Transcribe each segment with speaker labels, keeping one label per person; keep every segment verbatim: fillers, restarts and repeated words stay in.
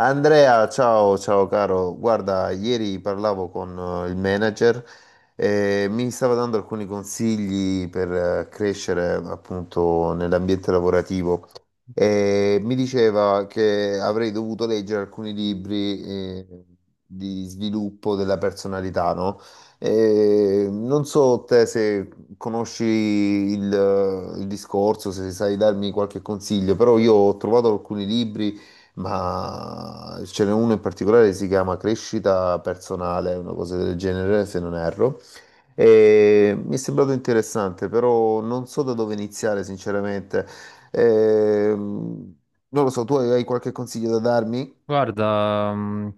Speaker 1: Andrea, ciao, ciao caro. Guarda, ieri parlavo con eh, il manager e mi stava dando alcuni consigli per eh, crescere appunto nell'ambiente lavorativo e mi diceva che avrei dovuto leggere alcuni libri eh, di sviluppo della personalità, no? E non so te se conosci il, il discorso, se sai darmi qualche consiglio, però io ho trovato alcuni libri, ma ce n'è uno in particolare che si chiama Crescita Personale, una cosa del genere, se non erro. E mi è sembrato interessante, però non so da dove iniziare, sinceramente. Ehm, Non lo so, tu hai hai qualche consiglio da darmi?
Speaker 2: Guarda, mm,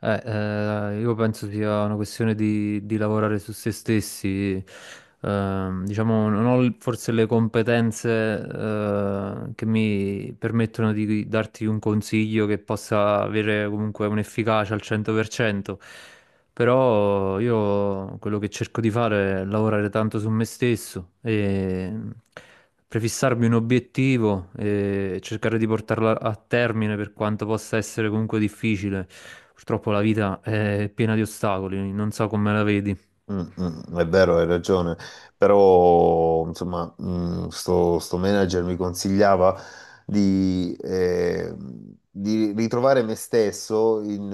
Speaker 2: eh, eh, io penso sia una questione di, di lavorare su se stessi. Ehm, diciamo, non ho l- forse le competenze, eh, che mi permettono di darti un consiglio che possa avere comunque un'efficacia al cento per cento. Però io quello che cerco di fare è lavorare tanto su me stesso e prefissarmi un obiettivo e cercare di portarlo a termine per quanto possa essere comunque difficile. Purtroppo la vita è piena di ostacoli, non so come la vedi.
Speaker 1: Mm, mm, è vero, hai ragione, però insomma, mm, sto, sto manager mi consigliava di, eh, di ritrovare me stesso in,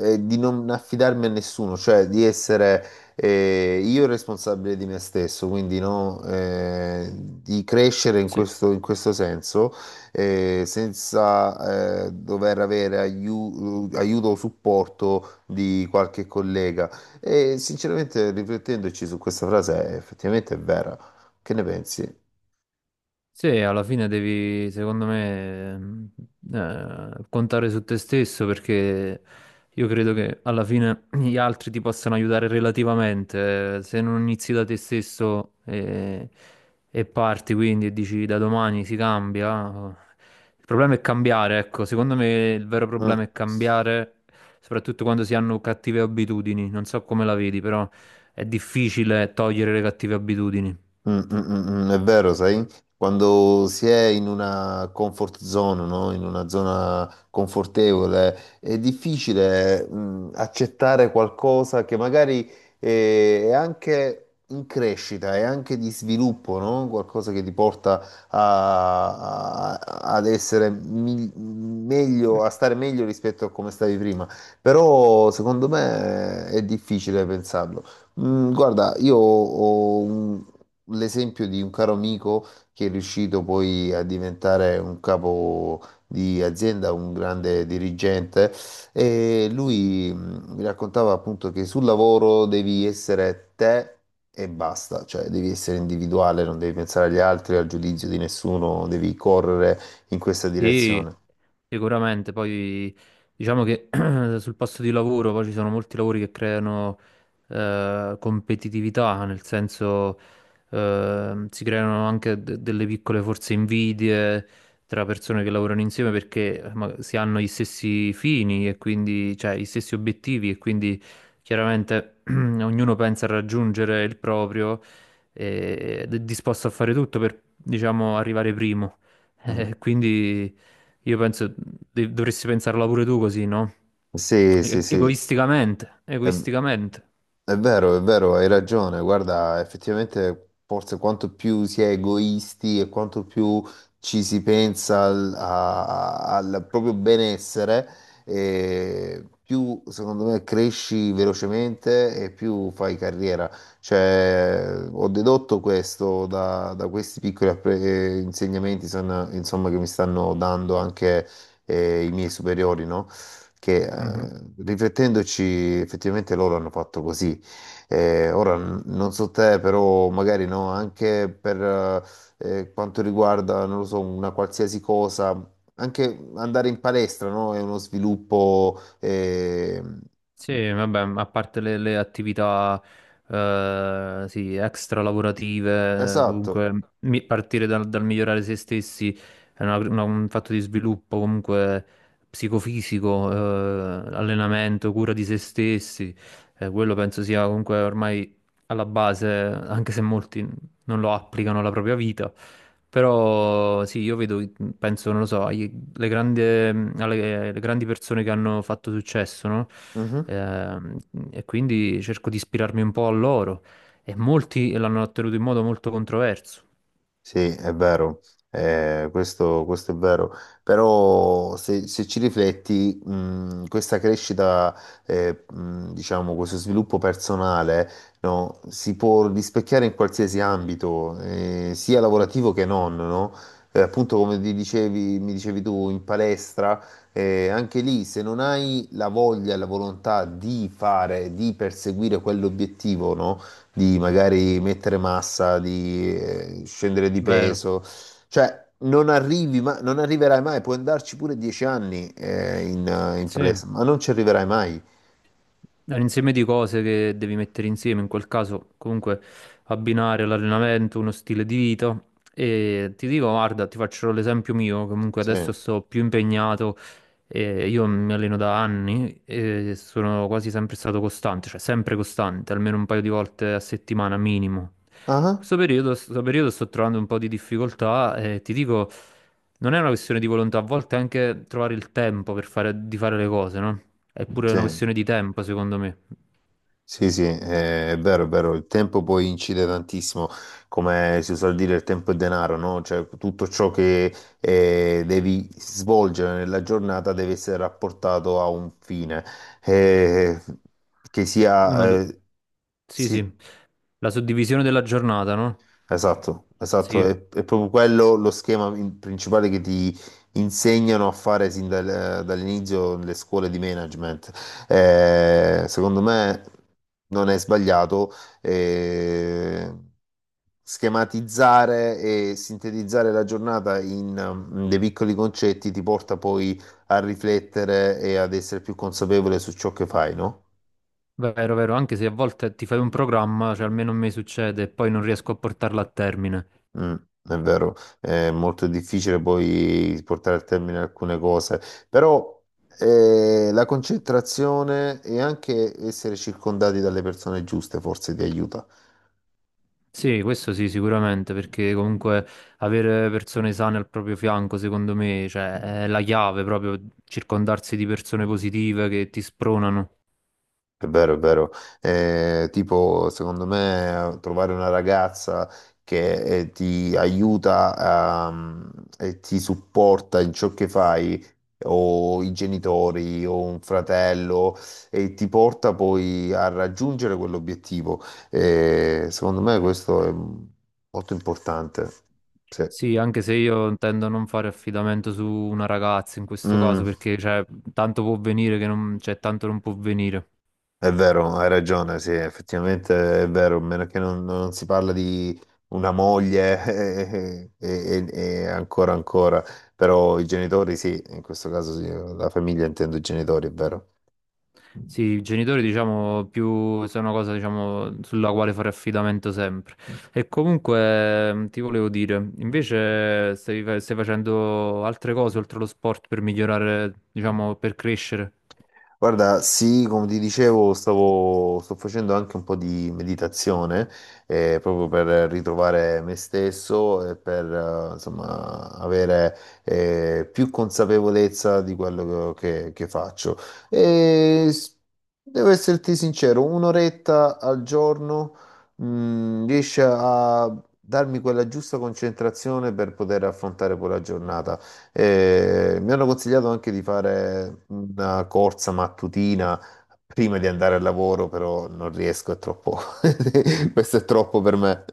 Speaker 1: eh, e di non affidarmi a nessuno, cioè di essere, eh, io, il responsabile di me stesso, quindi no, eh, di crescere in
Speaker 2: Sì.
Speaker 1: questo, in questo senso, eh, senza eh, dover avere aiu- aiuto o supporto di qualche collega. E sinceramente, riflettendoci su questa frase, è effettivamente è vera. Che ne pensi?
Speaker 2: Sì, Alla fine devi, secondo me, mh, eh, contare su te stesso, perché io credo che alla fine gli altri ti possano aiutare relativamente. eh, Se non inizi da te stesso e, e parti, quindi, e dici da domani si cambia, oh. Il problema è cambiare, ecco, secondo me il vero
Speaker 1: Mm.
Speaker 2: problema è cambiare, soprattutto quando si hanno cattive abitudini. Non so come la vedi, però è difficile togliere le cattive abitudini.
Speaker 1: Mm, mm, mm, mm, è vero, sai? Quando si è in una comfort zone, no? In una zona confortevole, è difficile, mm, accettare qualcosa che magari eh, è anche in crescita, è anche di sviluppo, no? Qualcosa che ti porta a- a- ad essere mi- meglio, a stare meglio rispetto a come stavi prima. Però secondo me è difficile pensarlo. Mm, guarda, io ho un- l'esempio di un caro amico che è riuscito poi a diventare un capo di azienda, un grande dirigente, e lui mh, mi raccontava appunto che sul lavoro devi essere te. E basta, cioè devi essere individuale, non devi pensare agli altri, al giudizio di nessuno, devi correre in questa
Speaker 2: Sì.
Speaker 1: direzione.
Speaker 2: Sicuramente, poi diciamo che sul posto di lavoro poi ci sono molti lavori che creano eh, competitività, nel senso, Ehm, si creano anche de- delle piccole forse invidie tra persone che lavorano insieme, perché eh, ma- si hanno gli stessi fini e quindi, cioè, gli stessi obiettivi e quindi chiaramente ognuno pensa a raggiungere il proprio e- ed è disposto a fare tutto per, diciamo, arrivare primo.
Speaker 1: Mm.
Speaker 2: Eh, quindi io penso de- dovresti pensarla pure tu così, no?
Speaker 1: Sì,
Speaker 2: E-
Speaker 1: sì, sì,
Speaker 2: Egoisticamente,
Speaker 1: è,
Speaker 2: egoisticamente.
Speaker 1: è vero, è vero, hai ragione. Guarda, effettivamente forse quanto più si è egoisti e quanto più ci si pensa al, a- al proprio benessere, eh, più secondo me cresci velocemente e più fai carriera. Cioè, ho dedotto questo da, da questi piccoli appre- eh, insegnamenti, son- insomma, che mi stanno dando anche, eh, i miei superiori, no? Che eh, riflettendoci effettivamente loro hanno fatto così. Eh, ora n- non so te, però magari no, anche per eh, eh, quanto riguarda, non lo so, una qualsiasi cosa, anche andare in palestra, no? È uno sviluppo. Eh,
Speaker 2: Sì, vabbè, a parte le, le attività, eh, sì, extra lavorative.
Speaker 1: esatto.
Speaker 2: Comunque, mi- partire dal, dal migliorare se stessi è una- una- un fatto di sviluppo comunque psicofisico, eh, allenamento, cura di se stessi, eh, quello penso sia comunque ormai alla base, anche se molti non lo applicano alla propria vita. Però sì, io vedo, penso, non lo so, ai le grandi, ehm, alle- le grandi persone che hanno fatto successo, no? Ehm, e quindi cerco di ispirarmi un po' a loro. E molti l'hanno ottenuto in modo molto controverso.
Speaker 1: Sì, è vero, eh, questo, questo è vero, però se, se ci rifletti, mh, questa crescita, eh, mh, diciamo, questo sviluppo personale, no, si può rispecchiare in qualsiasi ambito, eh, sia lavorativo che non, no? Eh, appunto, come ti dicevi, mi dicevi tu, in palestra, eh, anche lì, se non hai la voglia e la volontà di fare, di perseguire quell'obiettivo, no? Di magari mettere massa, di eh, scendere di
Speaker 2: Vero?
Speaker 1: peso, cioè non arrivi, ma non arriverai mai, puoi andarci pure dieci anni eh, in, eh, in
Speaker 2: Sì.
Speaker 1: palestra, ma non ci arriverai mai.
Speaker 2: È un insieme di cose che devi mettere insieme, in quel caso comunque abbinare l'allenamento, uno stile di vita. E ti dico, guarda, ti faccio l'esempio mio, comunque
Speaker 1: Sì.
Speaker 2: adesso sto più impegnato, e io mi alleno da anni e sono quasi sempre stato costante, cioè sempre costante, almeno un paio di volte a settimana minimo.
Speaker 1: Ah,
Speaker 2: Questo periodo, questo periodo sto trovando un po' di difficoltà e ti dico... Non è una questione di volontà, a volte è anche trovare il tempo per fare, di fare le cose, no? È pure
Speaker 1: sì,
Speaker 2: una questione di tempo, secondo me.
Speaker 1: sì, sì, eh, è vero, è vero, il tempo poi incide tantissimo, come si usa dire, il tempo è denaro, no? Cioè tutto ciò che eh, devi svolgere nella giornata deve essere rapportato a un fine, eh, che
Speaker 2: Uno... do-
Speaker 1: sia... eh,
Speaker 2: Sì, sì,
Speaker 1: sì.
Speaker 2: la suddivisione della giornata, no?
Speaker 1: Esatto, esatto, è,
Speaker 2: Sì,
Speaker 1: è proprio quello lo schema in- principale che ti insegnano a fare sin dal- eh, dall'inizio nelle scuole di management. Eh, secondo me non è sbagliato eh, schematizzare e sintetizzare la giornata in, mm, dei piccoli concetti, ti porta poi a riflettere e ad essere più consapevole su ciò che fai, no?
Speaker 2: vero, vero, anche se a volte ti fai un programma, cioè almeno a me succede, e poi non riesco a portarlo a termine.
Speaker 1: Mm, è vero, è molto difficile poi portare a termine alcune cose, però eh, la concentrazione e anche essere circondati dalle persone giuste forse ti aiuta.
Speaker 2: Sì, questo sì, sicuramente, perché comunque avere persone sane al proprio fianco, secondo me, cioè, è la chiave proprio, circondarsi di persone positive che ti spronano.
Speaker 1: È vero, è vero. Eh, tipo, secondo me, trovare una ragazza che eh, ti aiuta a- e ti supporta in ciò che fai, o i genitori, o un fratello, e ti porta poi a raggiungere quell'obiettivo. Eh, secondo me questo è molto importante. Sì.
Speaker 2: Sì, anche se io intendo non fare affidamento su una ragazza in questo
Speaker 1: Mm.
Speaker 2: caso, perché cioè, tanto può venire che non, cioè, tanto non può venire.
Speaker 1: È vero, hai ragione, sì, effettivamente è vero, a meno che non, non si parla di una moglie e, e- e ancora ancora, però i genitori sì, in questo caso sì, la famiglia intendo i genitori, è vero.
Speaker 2: Sì, i genitori, diciamo, più sono una cosa, diciamo, sulla quale fare affidamento sempre. E comunque, mh, ti volevo dire, invece stai, fa- stai facendo altre cose oltre allo sport per migliorare, diciamo, per crescere.
Speaker 1: Guarda, sì, come ti dicevo, stavo, sto facendo anche un po' di meditazione, eh, proprio per ritrovare me stesso e per, eh, insomma, avere, eh, più consapevolezza di quello che, che faccio. E s- Devo esserti sincero, un'oretta al giorno, mh, riesce a darmi quella giusta concentrazione per poter affrontare poi la giornata. Eh, mi hanno consigliato anche di fare una corsa mattutina prima di andare al lavoro, però non riesco, è troppo. Questo è troppo per me.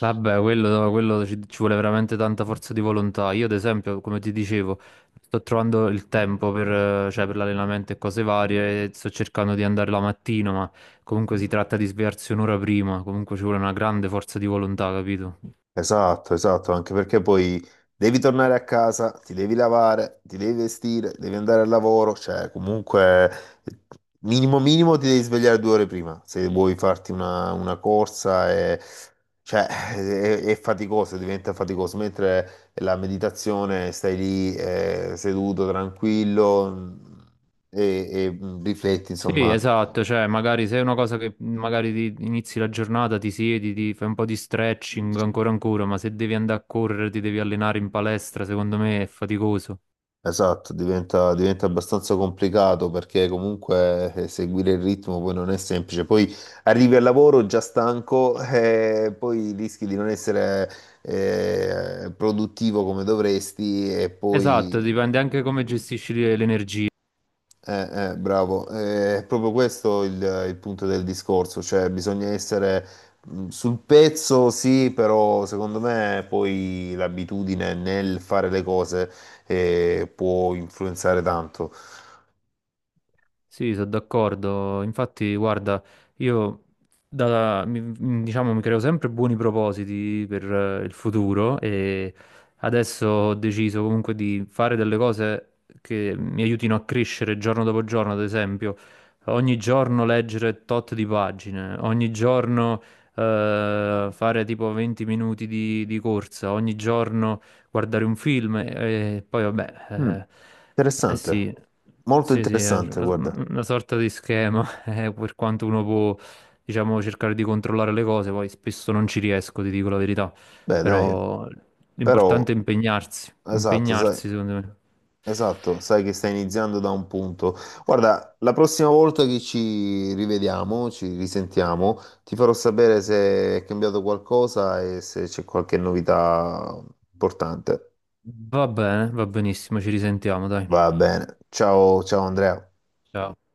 Speaker 2: Vabbè, quello, no, quello ci, ci vuole veramente tanta forza di volontà. Io, ad esempio, come ti dicevo, sto trovando il tempo per, eh, cioè, per l'allenamento e cose varie. E sto cercando di andare la mattina, ma comunque si tratta di svegliarsi un'ora prima. Comunque ci vuole una grande forza di volontà, capito?
Speaker 1: Esatto, esatto, anche perché poi devi tornare a casa, ti devi lavare, ti devi vestire, devi andare al lavoro, cioè comunque minimo minimo ti devi svegliare due ore prima se vuoi farti una, una corsa e, cioè, è, è faticoso, diventa faticoso, mentre la meditazione stai lì eh, seduto, tranquillo mm, e, e mm, rifletti,
Speaker 2: Sì,
Speaker 1: insomma.
Speaker 2: esatto. Cioè, magari se è una cosa che magari ti inizi la giornata, ti siedi, ti fai un po' di stretching, ancora ancora, ma se devi andare a correre, ti devi allenare in palestra, secondo me è faticoso.
Speaker 1: Esatto, diventa, diventa abbastanza complicato perché comunque eh, seguire il ritmo poi non è semplice. Poi arrivi al lavoro già stanco e poi rischi di non essere eh, produttivo come dovresti e poi...
Speaker 2: Esatto, dipende anche come gestisci le- l'energia.
Speaker 1: eh, eh, bravo. Eh, è proprio questo il, il punto del discorso, cioè bisogna essere mh, sul pezzo, sì, però secondo me poi l'abitudine nel fare le cose eh, può influenzare tanto.
Speaker 2: Sì, sono d'accordo. Infatti, guarda, io da- mi, mi- diciamo, mi creo sempre buoni propositi per, eh, il futuro, e adesso ho deciso comunque di fare delle cose che mi aiutino a crescere giorno dopo giorno. Ad esempio, ogni giorno leggere tot di pagine, ogni giorno eh, fare tipo venti minuti di, di corsa, ogni giorno guardare un film e poi
Speaker 1: Mm,
Speaker 2: vabbè, eh, eh
Speaker 1: interessante,
Speaker 2: sì,
Speaker 1: molto
Speaker 2: sì, sì, è
Speaker 1: interessante, guarda.
Speaker 2: una, una sorta di schema, eh, per quanto uno può, diciamo, cercare di controllare le cose, poi spesso non ci riesco, ti dico la verità,
Speaker 1: Beh, dai,
Speaker 2: però l'importante
Speaker 1: però,
Speaker 2: è impegnarsi,
Speaker 1: esatto, sai,
Speaker 2: impegnarsi secondo me.
Speaker 1: esatto, sai che stai iniziando da un punto. Guarda, la prossima volta che ci rivediamo, ci risentiamo, ti farò sapere se è cambiato qualcosa e se c'è qualche novità importante.
Speaker 2: Va bene, va benissimo, ci risentiamo, dai.
Speaker 1: Va bene. Ciao, ciao Andrea.
Speaker 2: Ciao.